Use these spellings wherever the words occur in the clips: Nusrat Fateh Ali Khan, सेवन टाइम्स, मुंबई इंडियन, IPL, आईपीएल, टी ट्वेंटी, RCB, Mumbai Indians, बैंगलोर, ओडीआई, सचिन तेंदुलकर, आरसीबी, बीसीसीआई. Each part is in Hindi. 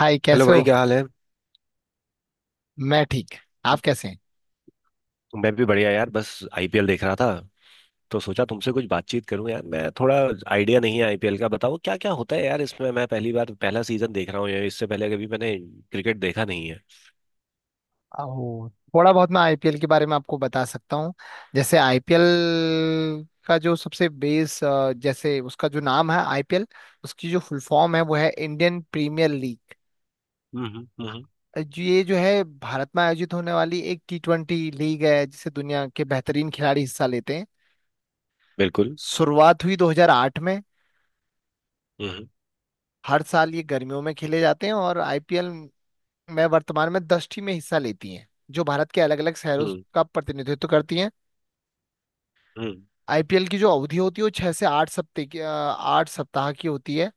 हाय हेलो कैसे हो। भाई, क्या हाल है। मैं ठीक। आप कैसे हैं। मैं भी बढ़िया यार, बस आईपीएल देख रहा था, तो सोचा तुमसे कुछ बातचीत करूं। यार मैं थोड़ा आइडिया नहीं है आईपीएल का, बताओ क्या क्या होता है यार इसमें। मैं पहली बार पहला सीजन देख रहा हूँ यार, इससे पहले कभी मैंने क्रिकेट देखा नहीं है। ओ, थोड़ा बहुत मैं आईपीएल के बारे में आपको बता सकता हूँ। जैसे आईपीएल का जो सबसे बेस जैसे उसका जो नाम है आईपीएल उसकी जो फुल फॉर्म है वो है इंडियन प्रीमियर लीग। हम्म। ये जो है भारत में आयोजित होने वाली एक टी ट्वेंटी लीग है जिसे दुनिया के बेहतरीन खिलाड़ी हिस्सा लेते हैं। बिल्कुल। शुरुआत हुई 2008 में। हम्म हर साल ये गर्मियों में खेले जाते हैं और आईपीएल में वर्तमान में दस टीमें हिस्सा लेती हैं जो भारत के अलग अलग शहरों हम्म। का प्रतिनिधित्व करती हैं। हम्म आईपीएल की जो अवधि होती है वो 6 से 8 सप्ताह की, 8 सप्ताह की होती है।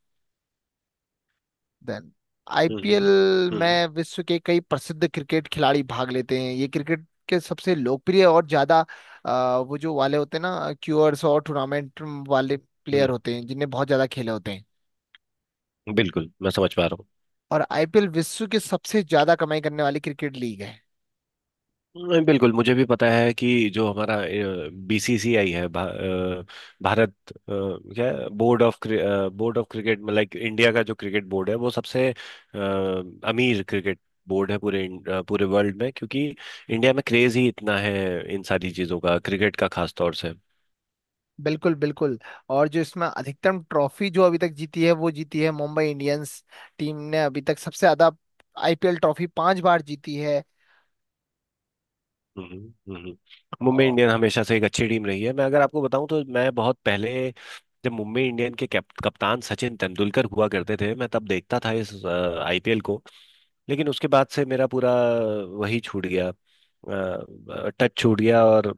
Then आईपीएल hmm. हम्म में विश्व के कई प्रसिद्ध क्रिकेट खिलाड़ी भाग लेते हैं। ये क्रिकेट के सबसे लोकप्रिय और ज्यादा, वो जो वाले होते हैं ना क्यूअर्स और टूर्नामेंट वाले प्लेयर हम्म, होते हैं जिन्हें बहुत ज्यादा खेले होते हैं। बिल्कुल मैं समझ पा रहा हूँ। और आईपीएल विश्व की सबसे ज्यादा कमाई करने वाली क्रिकेट लीग है। नहीं, बिल्कुल मुझे भी पता है कि जो हमारा बीसीसीआई है, भारत, क्या है, बोर्ड ऑफ क्रिकेट, मतलब लाइक इंडिया का जो क्रिकेट बोर्ड है वो सबसे अमीर क्रिकेट बोर्ड है पूरे पूरे वर्ल्ड में, क्योंकि इंडिया में क्रेज ही इतना है इन सारी चीज़ों का, क्रिकेट का खास तौर से। बिल्कुल बिल्कुल। और जो इसमें अधिकतम ट्रॉफी जो अभी तक जीती है वो जीती है मुंबई इंडियंस टीम ने अभी तक सबसे ज्यादा आईपीएल ट्रॉफी 5 बार जीती है। हम्म। मुंबई और इंडियन हमेशा से एक अच्छी टीम रही है। मैं अगर आपको बताऊं तो मैं बहुत पहले, जब मुंबई इंडियन के कप्तान सचिन तेंदुलकर हुआ करते थे, मैं तब देखता था इस आईपीएल को। लेकिन उसके बाद से मेरा पूरा वही छूट गया, टच छूट गया। और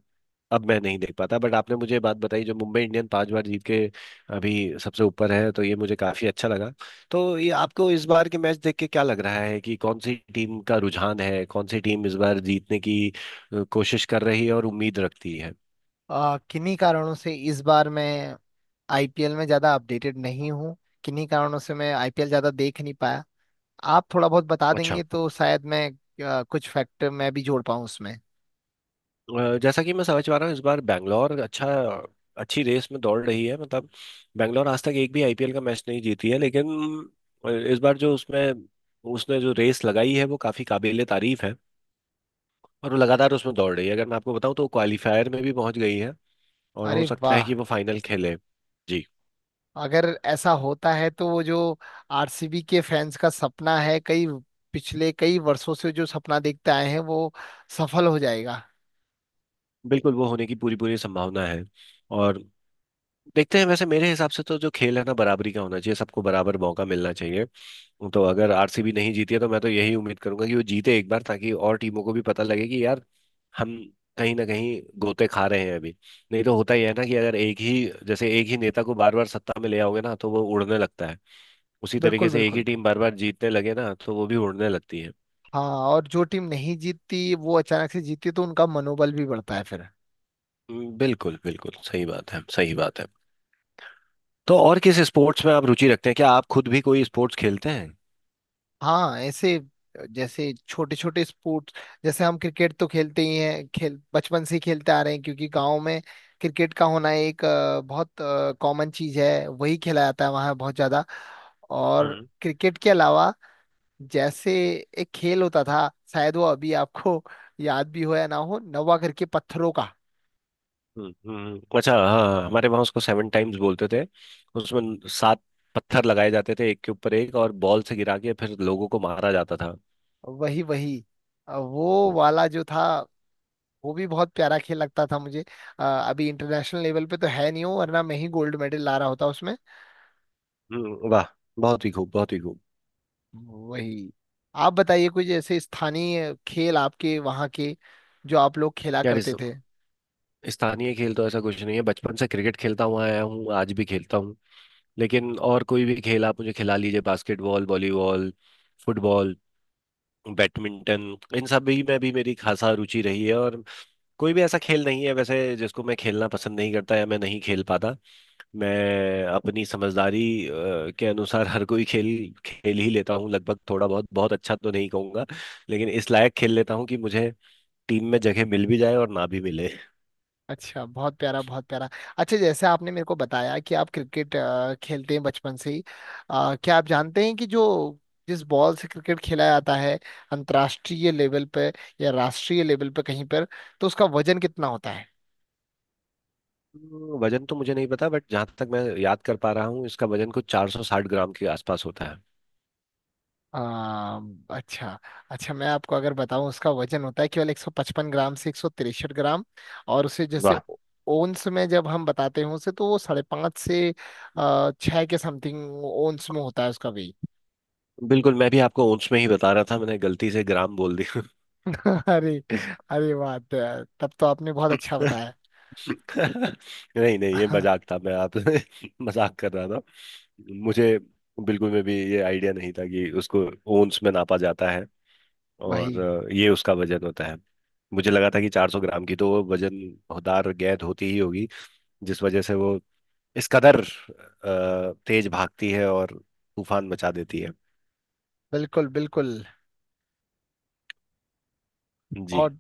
अब मैं नहीं देख पाता, बट आपने मुझे ये बात बताई जो मुंबई इंडियन पांच बार जीत के अभी सबसे ऊपर है, तो ये मुझे काफी अच्छा लगा। तो ये आपको इस बार के मैच देख के क्या लग रहा है कि कौन सी टीम का रुझान है, कौन सी टीम इस बार जीतने की कोशिश कर रही है और उम्मीद रखती है? किन्हीं कारणों से इस बार मैं आईपीएल में ज्यादा अपडेटेड नहीं हूँ। किन्हीं कारणों से मैं आईपीएल ज्यादा देख नहीं पाया। आप थोड़ा बहुत बता अच्छा, देंगे तो शायद मैं कुछ फैक्टर मैं भी जोड़ पाऊँ उसमें। जैसा कि मैं समझ पा रहा हूँ इस बार बैंगलोर अच्छी रेस में दौड़ रही है। मतलब बैंगलोर आज तक एक भी आईपीएल का मैच नहीं जीती है, लेकिन इस बार जो उसमें उसने जो रेस लगाई है वो काफ़ी काबिले तारीफ है। और वो लगातार उसमें दौड़ रही है, अगर मैं आपको बताऊं तो क्वालिफायर में भी पहुंच गई है और हो अरे सकता है वाह। कि वो फाइनल खेले। जी। अगर ऐसा होता है तो वो जो आरसीबी के फैंस का सपना है, कई पिछले कई वर्षों से जो सपना देखते आए हैं, वो सफल हो जाएगा। बिल्कुल, वो होने की पूरी पूरी संभावना है। और देखते हैं, वैसे मेरे हिसाब से तो जो खेल है ना, बराबरी का होना चाहिए, सबको बराबर मौका मिलना चाहिए। तो अगर आरसीबी नहीं जीती है तो मैं तो यही उम्मीद करूंगा कि वो जीते एक बार, ताकि और टीमों को भी पता लगे कि यार हम कहीं ना कहीं गोते खा रहे हैं अभी। नहीं तो होता ही है ना कि अगर एक ही जैसे एक ही नेता को बार बार सत्ता में ले आओगे ना तो वो उड़ने लगता है, उसी बिल्कुल तरीके से एक बिल्कुल। ही टीम बार बार जीतने लगे ना तो वो भी उड़ने लगती है। हाँ। और जो टीम नहीं जीतती वो अचानक से जीतती तो उनका मनोबल भी बढ़ता है फिर। बिल्कुल बिल्कुल, सही बात है सही बात है। तो और किस स्पोर्ट्स में आप रुचि रखते हैं, क्या आप खुद भी कोई स्पोर्ट्स खेलते हाँ ऐसे। जैसे छोटे छोटे स्पोर्ट्स, जैसे हम क्रिकेट तो खेलते ही हैं, खेल बचपन से ही खेलते आ रहे हैं क्योंकि गांव में क्रिकेट का होना एक बहुत कॉमन चीज है। वही खेला जाता है वहाँ बहुत ज्यादा। और हैं? क्रिकेट के अलावा जैसे एक खेल होता था, शायद वो अभी आपको याद भी हो या ना हो, नवा करके पत्थरों का। अच्छा हाँ, हमारे वहाँ उसको सेवन टाइम्स बोलते थे। उसमें सात पत्थर लगाए जाते थे एक के ऊपर एक, और बॉल से गिरा के फिर लोगों को मारा जाता था। वही वही, वो हम्म, वाला जो था वो भी बहुत प्यारा खेल लगता था मुझे। अभी इंटरनेशनल लेवल पे तो है नहीं हो, वरना मैं ही गोल्ड मेडल ला रहा होता उसमें। वाह, बहुत ही खूब बहुत ही खूब। वही। आप बताइए कुछ ऐसे स्थानीय खेल आपके वहाँ के, जो आप लोग खेला यार इस करते थे। स्थानीय खेल तो ऐसा कुछ नहीं है, बचपन से क्रिकेट खेलता हुआ आया हूँ, आज भी खेलता हूँ। लेकिन और कोई भी खेल आप मुझे खिला लीजिए, बास्केटबॉल, वॉलीबॉल, फुटबॉल, बैडमिंटन, इन सब भी में भी मेरी खासा रुचि रही है। और कोई भी ऐसा खेल नहीं है वैसे जिसको मैं खेलना पसंद नहीं करता या मैं नहीं खेल पाता। मैं अपनी समझदारी अ, के अनुसार हर कोई खेल खेल ही लेता हूँ लगभग, थोड़ा बहुत, बहुत अच्छा तो नहीं कहूँगा लेकिन इस लायक खेल लेता हूँ कि मुझे टीम में जगह मिल भी जाए और ना भी मिले। अच्छा, बहुत प्यारा बहुत प्यारा। अच्छा, जैसे आपने मेरे को बताया कि आप क्रिकेट खेलते हैं बचपन से ही। क्या आप जानते हैं कि जो जिस बॉल से क्रिकेट खेला जाता है अंतर्राष्ट्रीय लेवल पे या राष्ट्रीय लेवल पे कहीं पर, तो उसका वजन कितना होता है। तो वजन तो मुझे नहीं पता, बट जहाँ तक मैं याद कर पा रहा हूँ इसका वजन कुछ 460 ग्राम के आसपास होता है। आ, अच्छा। अच्छा, मैं आपको अगर बताऊं उसका वजन होता है केवल 155 ग्राम से 163 ग्राम। और उसे जैसे वाह, ओंस में जब हम बताते हैं उसे, तो वो 5.5 से 6 के समथिंग ओंस में होता है उसका वेट। बिल्कुल मैं भी आपको ओंस में ही बता रहा था, मैंने गलती से ग्राम बोल दिया। अरे अरे, बात तो है यार, तब तो आपने बहुत अच्छा बताया। नहीं नहीं, ये हाँ, मजाक था, मैं आप मजाक कर रहा था। मुझे बिल्कुल में भी ये आइडिया नहीं था कि उसको ओंस में नापा जाता है। और वही। ये उसका वजन होता है, मुझे लगा था कि 400 ग्राम की तो वो वजनदार गेंद होती ही होगी, जिस वजह से वो इस कदर तेज भागती है और तूफान मचा देती है। बिल्कुल बिल्कुल। जी। और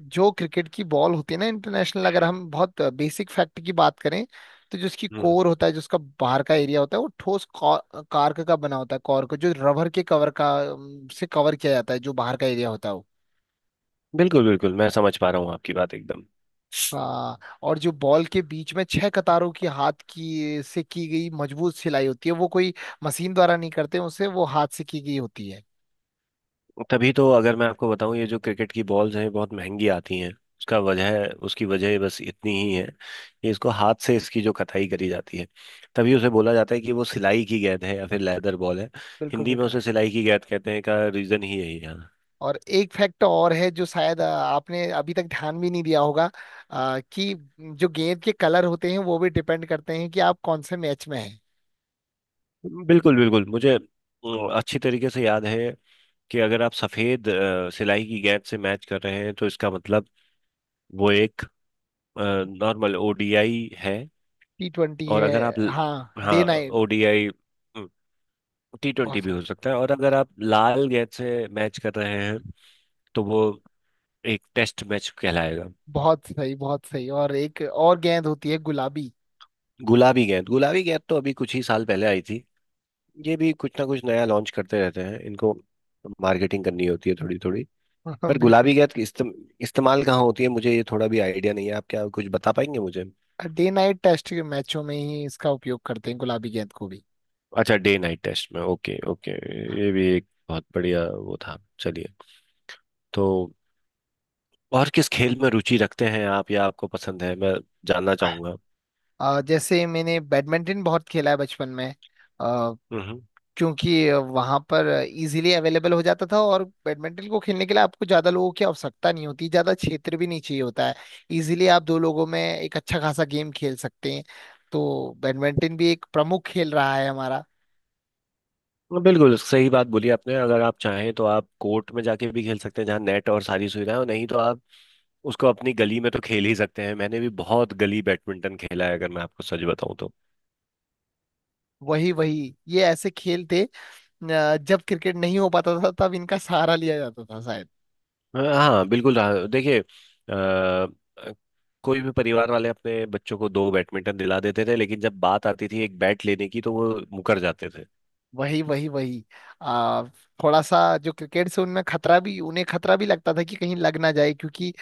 जो क्रिकेट की बॉल होती है ना इंटरनेशनल, अगर हम बहुत बेसिक फैक्ट की बात करें, तो जो उसकी हम्म, कोर होता है, जो उसका बाहर का एरिया होता है, वो ठोस कार्क का बना होता है। कॉर्क को जो रबर के कवर का से कवर किया जाता है, जो बाहर का एरिया होता है वो। बिल्कुल बिल्कुल मैं समझ पा रहा हूँ आपकी बात एकदम। हाँ। और जो बॉल के बीच में छह कतारों की हाथ की से की गई मजबूत सिलाई होती है, वो कोई मशीन द्वारा नहीं करते उसे, वो हाथ से की गई होती है। तभी तो, अगर मैं आपको बताऊं, ये जो क्रिकेट की बॉल्स हैं बहुत महंगी आती हैं, उसका वजह उसकी वजह बस इतनी ही है कि इसको हाथ से इसकी जो कताई करी जाती है, तभी उसे बोला जाता है कि वो सिलाई की गेंद है या फिर लेदर बॉल है। बिल्कुल हिंदी में बिल्कुल। उसे सिलाई की गेंद कहते हैं का रीजन ही यही है। और एक फैक्ट और है जो शायद आपने अभी तक ध्यान भी नहीं दिया होगा। कि जो गेंद के कलर होते हैं वो भी डिपेंड करते हैं कि आप कौन से मैच में हैं। बिल्कुल बिल्कुल, मुझे अच्छी तरीके से याद है कि अगर आप सफेद सिलाई की गेंद से मैच कर रहे हैं तो इसका मतलब वो एक नॉर्मल ओडीआई है, टी ट्वेंटी और है। अगर आप हाँ, डे हाँ, नाइट। ओडीआई टी बहुत ट्वेंटी भी सही। हो सकता है, और अगर आप लाल गेंद से मैच कर रहे हैं तो वो एक टेस्ट मैच कहलाएगा। बहुत सही बहुत सही, और एक और गेंद होती है, गुलाबी। गुलाबी गेंद, गुलाबी गेंद तो अभी कुछ ही साल पहले आई थी, ये भी कुछ ना कुछ नया लॉन्च करते रहते हैं, इनको मार्केटिंग करनी होती है थोड़ी थोड़ी। पर गुलाबी बिल्कुल। गेंद की इस्तेमाल कहाँ होती है, मुझे ये थोड़ा भी आइडिया नहीं है, आप क्या कुछ बता पाएंगे मुझे? डे नाइट टेस्ट के मैचों में ही इसका उपयोग करते हैं गुलाबी गेंद को भी। अच्छा, डे नाइट टेस्ट में, ओके ओके। ये भी एक बहुत बढ़िया वो था, चलिए। तो और किस खेल में रुचि रखते हैं आप, या आपको पसंद है, मैं जानना चाहूंगा। जैसे मैंने बैडमिंटन बहुत खेला है बचपन में, हम्म। क्योंकि वहां पर इजीली अवेलेबल हो जाता था, और बैडमिंटन को खेलने के लिए आपको ज्यादा लोगों की आवश्यकता नहीं होती, ज्यादा क्षेत्र भी नहीं चाहिए होता है। इजीली आप दो लोगों में एक अच्छा खासा गेम खेल सकते हैं। तो बैडमिंटन भी एक प्रमुख खेल रहा है हमारा। बिल्कुल सही बात बोली आपने, अगर आप चाहें तो आप कोर्ट में जाके भी खेल सकते हैं जहाँ नेट और सारी सुविधाएं हो, नहीं तो आप उसको अपनी गली में तो खेल ही सकते हैं। मैंने भी बहुत गली बैडमिंटन खेला है अगर मैं आपको सच बताऊं तो। वही वही, ये ऐसे खेल थे जब क्रिकेट नहीं हो पाता था तब इनका सहारा लिया जाता था शायद। हाँ बिल्कुल, हाँ देखिए, कोई भी परिवार वाले अपने बच्चों को दो बैडमिंटन दिला देते थे, लेकिन जब बात आती थी एक बैट लेने की तो वो मुकर जाते थे। वही वही वही। आ, थोड़ा सा जो क्रिकेट से उनमें खतरा भी उन्हें खतरा भी लगता था कि कहीं लग ना जाए, क्योंकि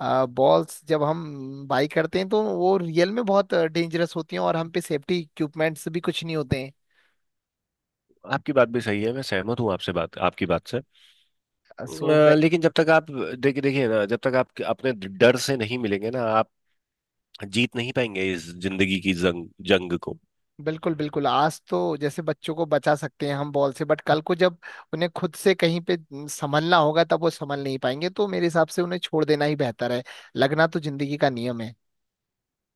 बॉल्स जब हम बाई करते हैं तो वो रियल में बहुत डेंजरस होती हैं, और हम पे सेफ्टी इक्विपमेंट्स भी कुछ नहीं होते आपकी बात भी सही है, मैं सहमत हूँ आपसे, बात आपकी बात से। हैं। लेकिन जब तक आप, देखिए देखिए ना, जब तक आप अपने डर से नहीं मिलेंगे ना, आप जीत नहीं पाएंगे इस जिंदगी की जंग, जंग को। बिल्कुल बिल्कुल, आज तो जैसे बच्चों को बचा सकते हैं हम बॉल से, बट कल को जब उन्हें खुद से कहीं पे संभलना होगा तब वो संभल नहीं पाएंगे, तो मेरे हिसाब से उन्हें छोड़ देना ही बेहतर है। लगना तो जिंदगी का नियम है।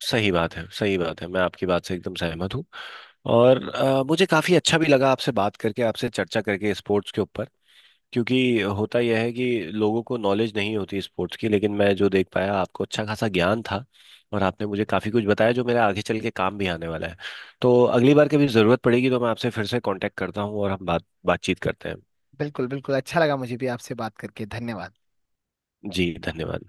सही बात है सही बात है, मैं आपकी बात से एकदम सहमत हूँ। और मुझे काफ़ी अच्छा भी लगा आपसे बात करके, आपसे चर्चा करके स्पोर्ट्स के ऊपर, क्योंकि होता यह है कि लोगों को नॉलेज नहीं होती स्पोर्ट्स की, लेकिन मैं जो देख पाया आपको अच्छा खासा ज्ञान था, और आपने मुझे काफ़ी कुछ बताया जो मेरे आगे चल के काम भी आने वाला है। तो अगली बार कभी ज़रूरत पड़ेगी तो मैं आपसे फिर से कांटेक्ट करता हूँ, और हम बातचीत करते हैं। बिल्कुल बिल्कुल, अच्छा लगा मुझे भी आपसे बात करके। धन्यवाद। जी धन्यवाद।